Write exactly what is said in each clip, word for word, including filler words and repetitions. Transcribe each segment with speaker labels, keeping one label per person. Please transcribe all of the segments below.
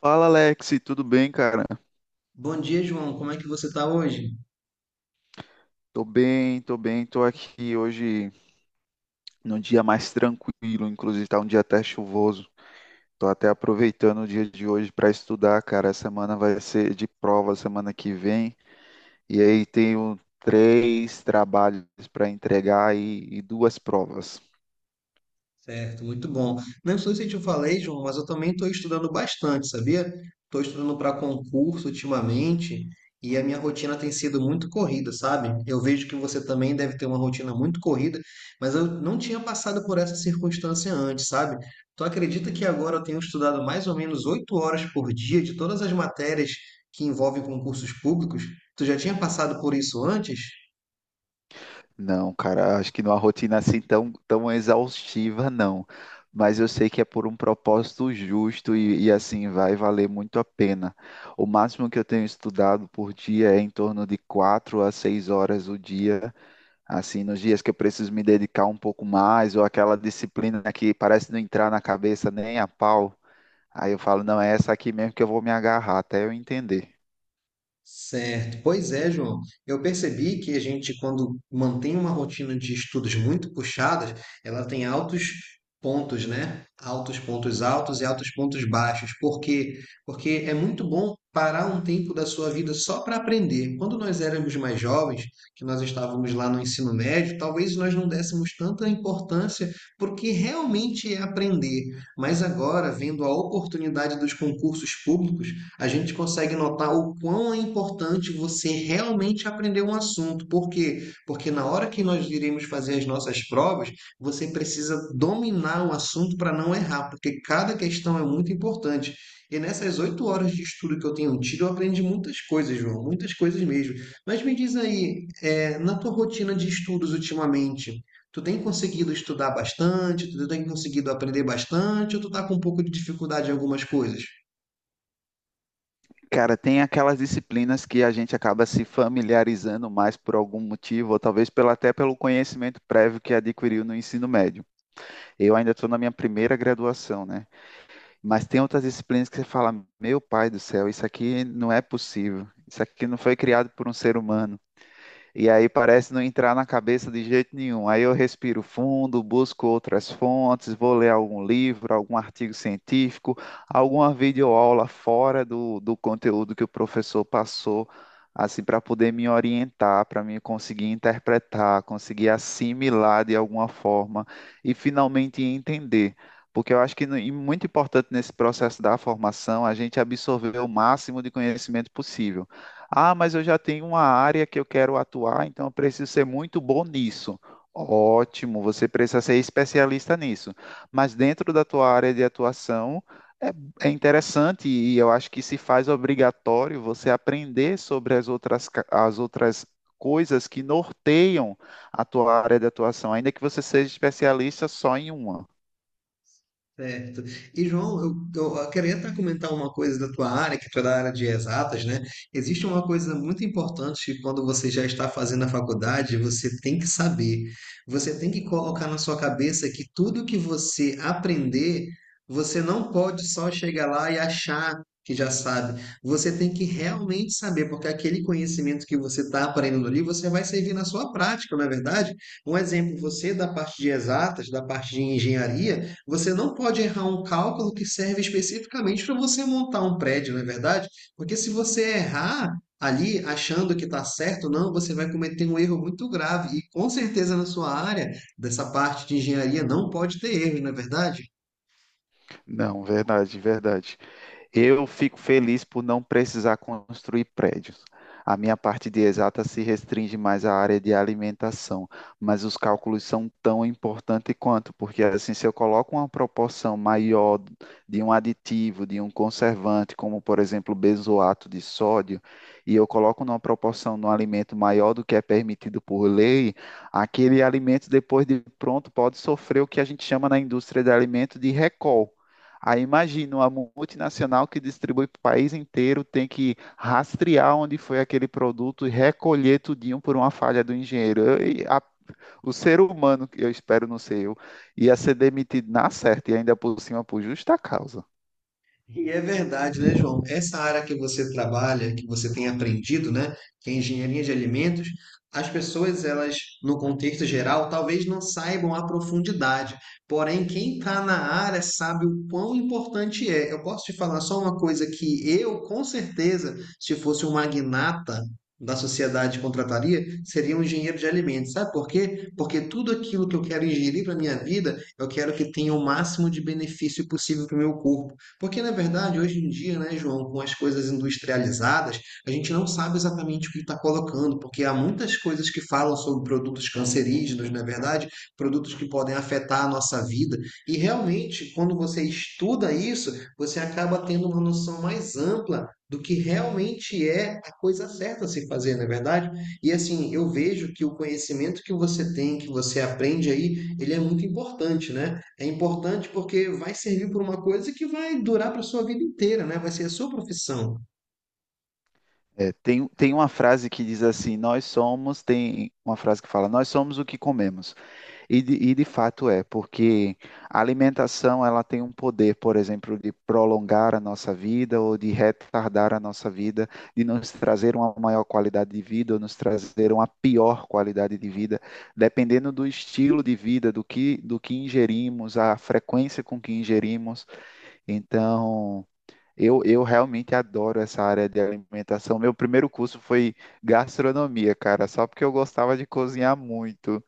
Speaker 1: Fala Alex, tudo bem, cara?
Speaker 2: Bom dia, João. Como é que você está hoje?
Speaker 1: Tô bem, tô bem, tô aqui hoje num dia mais tranquilo, inclusive tá um dia até chuvoso. Tô até aproveitando o dia de hoje para estudar, cara. A semana vai ser de prova semana que vem. E aí tenho três trabalhos para entregar e, e duas provas.
Speaker 2: Certo, muito bom. Não sei se eu te falei, João, mas eu também estou estudando bastante, sabia? Estou estudando para concurso ultimamente e a minha rotina tem sido muito corrida, sabe? Eu vejo que você também deve ter uma rotina muito corrida, mas eu não tinha passado por essa circunstância antes, sabe? Tu acredita que agora eu tenho estudado mais ou menos oito horas por dia de todas as matérias que envolvem concursos públicos? Tu já tinha passado por isso antes?
Speaker 1: Não, cara, acho que numa rotina assim tão, tão exaustiva, não. Mas eu sei que é por um propósito justo e, e, assim vai valer muito a pena. O máximo que eu tenho estudado por dia é em torno de quatro a seis horas o dia. Assim, nos dias que eu preciso me dedicar um pouco mais, ou aquela disciplina que parece não entrar na cabeça nem a pau. Aí eu falo, não, é essa aqui mesmo que eu vou me agarrar até eu entender.
Speaker 2: Certo. Pois é, João. Eu percebi que a gente, quando mantém uma rotina de estudos muito puxadas, ela tem altos pontos, né? Altos pontos altos e altos pontos baixos. Por quê? Porque é muito bom parar um tempo da sua vida só para aprender. Quando nós éramos mais jovens, que nós estávamos lá no ensino médio, talvez nós não dessemos tanta importância porque realmente é aprender. Mas agora, vendo a oportunidade dos concursos públicos, a gente consegue notar o quão é importante você realmente aprender um assunto. Por quê? Porque na hora que nós iremos fazer as nossas provas, você precisa dominar o assunto para não errar, porque cada questão é muito importante. E nessas oito horas de estudo que eu tenho tido, eu aprendi muitas coisas, João, muitas coisas mesmo. Mas me diz aí, eh, na tua rotina de estudos ultimamente, tu tem conseguido estudar bastante? Tu tem conseguido aprender bastante? Ou tu tá com um pouco de dificuldade em algumas coisas?
Speaker 1: Cara, tem aquelas disciplinas que a gente acaba se familiarizando mais por algum motivo, ou talvez pelo, até pelo conhecimento prévio que adquiriu no ensino médio. Eu ainda estou na minha primeira graduação, né? Mas tem outras disciplinas que você fala, meu pai do céu, isso aqui não é possível. Isso aqui não foi criado por um ser humano. E aí parece não entrar na cabeça de jeito nenhum. Aí eu respiro fundo, busco outras fontes, vou ler algum livro, algum artigo científico, alguma videoaula fora do, do conteúdo que o professor passou, assim, para poder me orientar, para mim conseguir interpretar, conseguir assimilar de alguma forma e finalmente entender. Porque eu acho que no- e muito importante nesse processo da formação a gente absorver o máximo de conhecimento possível. Ah, mas eu já tenho uma área que eu quero atuar, então eu preciso ser muito bom nisso. Ótimo, você precisa ser especialista nisso. Mas dentro da tua área de atuação é, é interessante e eu acho que se faz obrigatório você aprender sobre as outras, ca- as outras coisas que norteiam a tua área de atuação, ainda que você seja especialista só em uma.
Speaker 2: Certo. E, João, eu, eu queria até comentar uma coisa da tua área, que tu é da área de exatas, né? Existe uma coisa muito importante que quando você já está fazendo a faculdade, você tem que saber. Você tem que colocar na sua cabeça que tudo que você aprender, você não pode só chegar lá e achar que já sabe. Você tem que realmente saber, porque aquele conhecimento que você está aprendendo ali, você vai servir na sua prática, não é verdade? Um exemplo, você da parte de exatas, da parte de engenharia, você não pode errar um cálculo que serve especificamente para você montar um prédio, não é verdade? Porque se você errar ali achando que está certo, não, você vai cometer um erro muito grave. E com certeza na sua área, dessa parte de engenharia, não pode ter erro, não é verdade?
Speaker 1: Não, verdade, verdade. Eu fico feliz por não precisar construir prédios. A minha parte de exata se restringe mais à área de alimentação, mas os cálculos são tão importantes quanto, porque assim, se eu coloco uma proporção maior de um aditivo, de um conservante, como por exemplo benzoato de sódio, e eu coloco numa proporção no alimento maior do que é permitido por lei, aquele alimento depois de pronto pode sofrer o que a gente chama na indústria de alimento de recall. Aí imagina uma multinacional que distribui para o país inteiro tem que rastrear onde foi aquele produto e recolher tudinho por uma falha do engenheiro. Eu- e a- o ser humano, que eu espero não ser eu, ia ser demitido na certa e ainda por cima por justa causa.
Speaker 2: E é verdade, né, João? Essa área que você trabalha, que você tem aprendido, né, que é engenharia de alimentos, as pessoas, elas, no contexto geral, talvez não saibam a profundidade. Porém, quem está na área sabe o quão importante é. Eu posso te falar só uma coisa que eu, com certeza, se fosse um magnata da sociedade contrataria, seria um engenheiro de alimentos. Sabe por quê? Porque tudo aquilo que eu quero ingerir para minha vida, eu quero que tenha o máximo de benefício possível para o meu corpo. Porque, na verdade, hoje em dia, né, João, com as coisas industrializadas, a gente não sabe exatamente o que está colocando, porque há muitas coisas que falam sobre produtos cancerígenos, na verdade, produtos que podem afetar a nossa vida. E realmente, quando você estuda isso, você acaba tendo uma noção mais ampla do que realmente é a coisa certa a se fazer, na é verdade? E assim, eu vejo que o conhecimento que você tem, que você aprende aí, ele é muito importante, né? É importante porque vai servir para uma coisa que vai durar para a sua vida inteira, né? Vai ser a sua profissão.
Speaker 1: É, tem, tem uma frase que diz assim: nós somos, tem uma frase que fala, nós somos o que comemos. E de, e de fato é, porque a alimentação ela tem um poder, por exemplo, de prolongar a nossa vida ou de retardar a nossa vida, de nos trazer uma maior qualidade de vida ou nos trazer uma pior qualidade de vida, dependendo do estilo de vida, do que, do que ingerimos, a frequência com que ingerimos. Então, eu, eu realmente adoro essa área de alimentação. Meu primeiro curso foi gastronomia, cara, só porque eu gostava de cozinhar muito.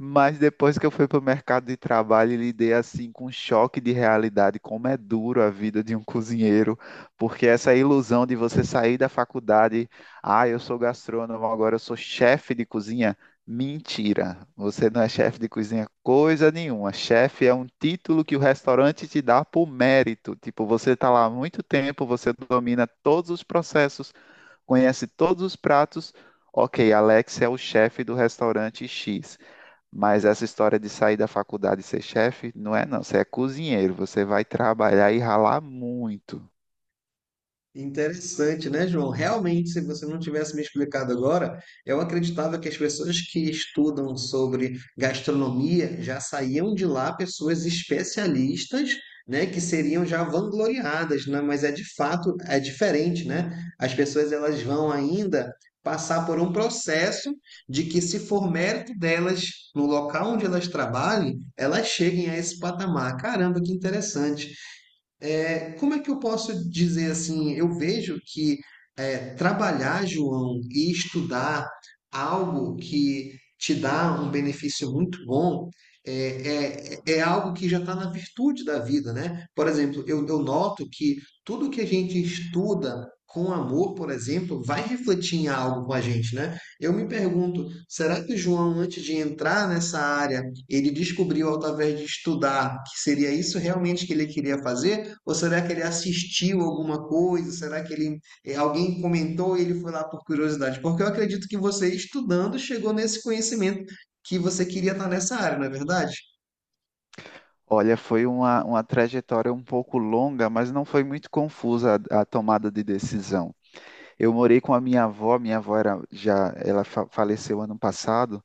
Speaker 1: Mas depois que eu fui para o mercado de trabalho, e lidei assim com um choque de realidade, como é duro a vida de um cozinheiro, porque essa ilusão de você sair da faculdade, ah, eu sou gastrônomo, agora eu sou chefe de cozinha. Mentira, você não é chefe de cozinha coisa nenhuma. Chefe é um título que o restaurante te dá por mérito. Tipo, você está lá há muito tempo, você domina todos os processos, conhece todos os pratos. Ok, Alex é o chefe do restaurante X. Mas essa história de sair da faculdade e ser chefe, não é não. Você é cozinheiro, você vai trabalhar e ralar muito.
Speaker 2: Interessante, né, João? Realmente, se você não tivesse me explicado agora, eu acreditava que as pessoas que estudam sobre gastronomia já saíam de lá pessoas especialistas, né, que seriam já vangloriadas, né? Mas é de fato é diferente, né? As pessoas elas vão ainda passar por um processo de que se for mérito delas no local onde elas trabalhem, elas cheguem a esse patamar. Caramba, que interessante é, como é que eu posso dizer assim? Eu vejo que é, trabalhar, João, e estudar algo que te dá um benefício muito bom é, é, é algo que já está na virtude da vida, né? Por exemplo, eu, eu noto que tudo que a gente estuda com amor, por exemplo, vai refletir em algo com a gente, né? Eu me pergunto, será que o João, antes de entrar nessa área, ele descobriu através de estudar que seria isso realmente que ele queria fazer? Ou será que ele assistiu alguma coisa? Será que ele eh, alguém comentou e ele foi lá por curiosidade? Porque eu acredito que você, estudando, chegou nesse conhecimento que você queria estar nessa área, não é verdade?
Speaker 1: Olha, foi uma, uma trajetória um pouco longa, mas não foi muito confusa a a tomada de decisão. Eu morei com a minha avó, minha avó era já, ela fa- faleceu ano passado,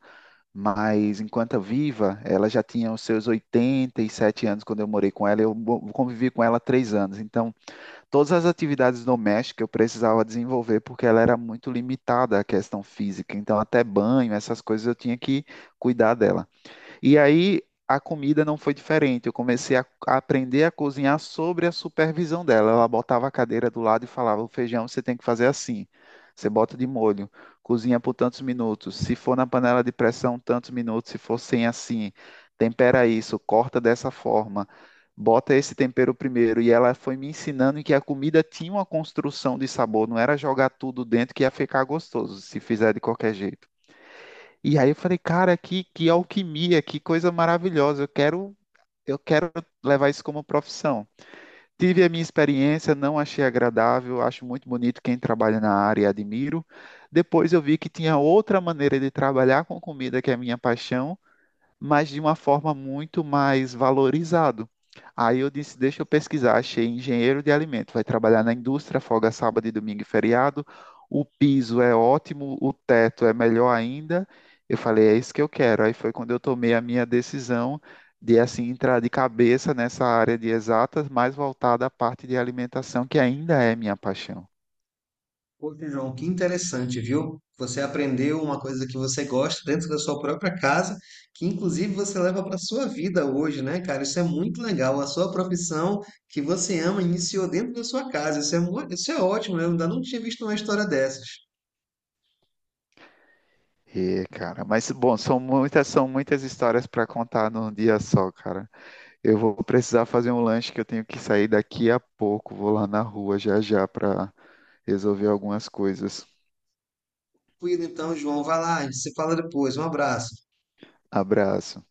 Speaker 1: mas enquanto viva, ela já tinha os seus oitenta e sete anos quando eu morei com ela, eu mo- convivi com ela três anos. Então, todas as atividades domésticas eu precisava desenvolver porque ela era muito limitada à questão física. Então, até banho, essas coisas eu tinha que cuidar dela. E aí a comida não foi diferente. Eu comecei a, a aprender a cozinhar sobre a supervisão dela. Ela botava a cadeira do lado e falava: o feijão você tem que fazer assim. Você bota de molho, cozinha por tantos minutos. Se for na panela de pressão, tantos minutos. Se for sem assim, tempera isso, corta dessa forma. Bota esse tempero primeiro. E ela foi me ensinando que a comida tinha uma construção de sabor, não era jogar tudo dentro que ia ficar gostoso, se fizer de qualquer jeito. E aí eu falei, cara, que, que alquimia, que coisa maravilhosa. Eu quero, eu quero levar isso como profissão. Tive a minha experiência, não achei agradável, acho muito bonito quem trabalha na área e admiro. Depois eu vi que tinha outra maneira de trabalhar com comida, que é a minha paixão, mas de uma forma muito mais valorizado. Aí eu disse, deixa eu pesquisar, achei engenheiro de alimento, vai trabalhar na indústria, folga sábado e domingo e feriado, o piso é ótimo, o teto é melhor ainda. Eu falei, é isso que eu quero. Aí foi quando eu tomei a minha decisão de assim entrar de cabeça nessa área de exatas, mais voltada à parte de alimentação, que ainda é minha paixão.
Speaker 2: Poxa, João, que interessante, viu? Você aprendeu uma coisa que você gosta dentro da sua própria casa, que inclusive você leva para a sua vida hoje, né, cara? Isso é muito legal. A sua profissão que você ama iniciou dentro da sua casa. Isso é, mu- isso é ótimo, eu ainda não tinha visto uma história dessas.
Speaker 1: E, cara, mas bom, são muitas, são muitas histórias para contar num dia só, cara. Eu vou precisar fazer um lanche que eu tenho que sair daqui a pouco. Vou lá na rua já já para resolver algumas coisas.
Speaker 2: Fui, então, João, vai lá, a gente se fala depois. Um abraço.
Speaker 1: Abraço.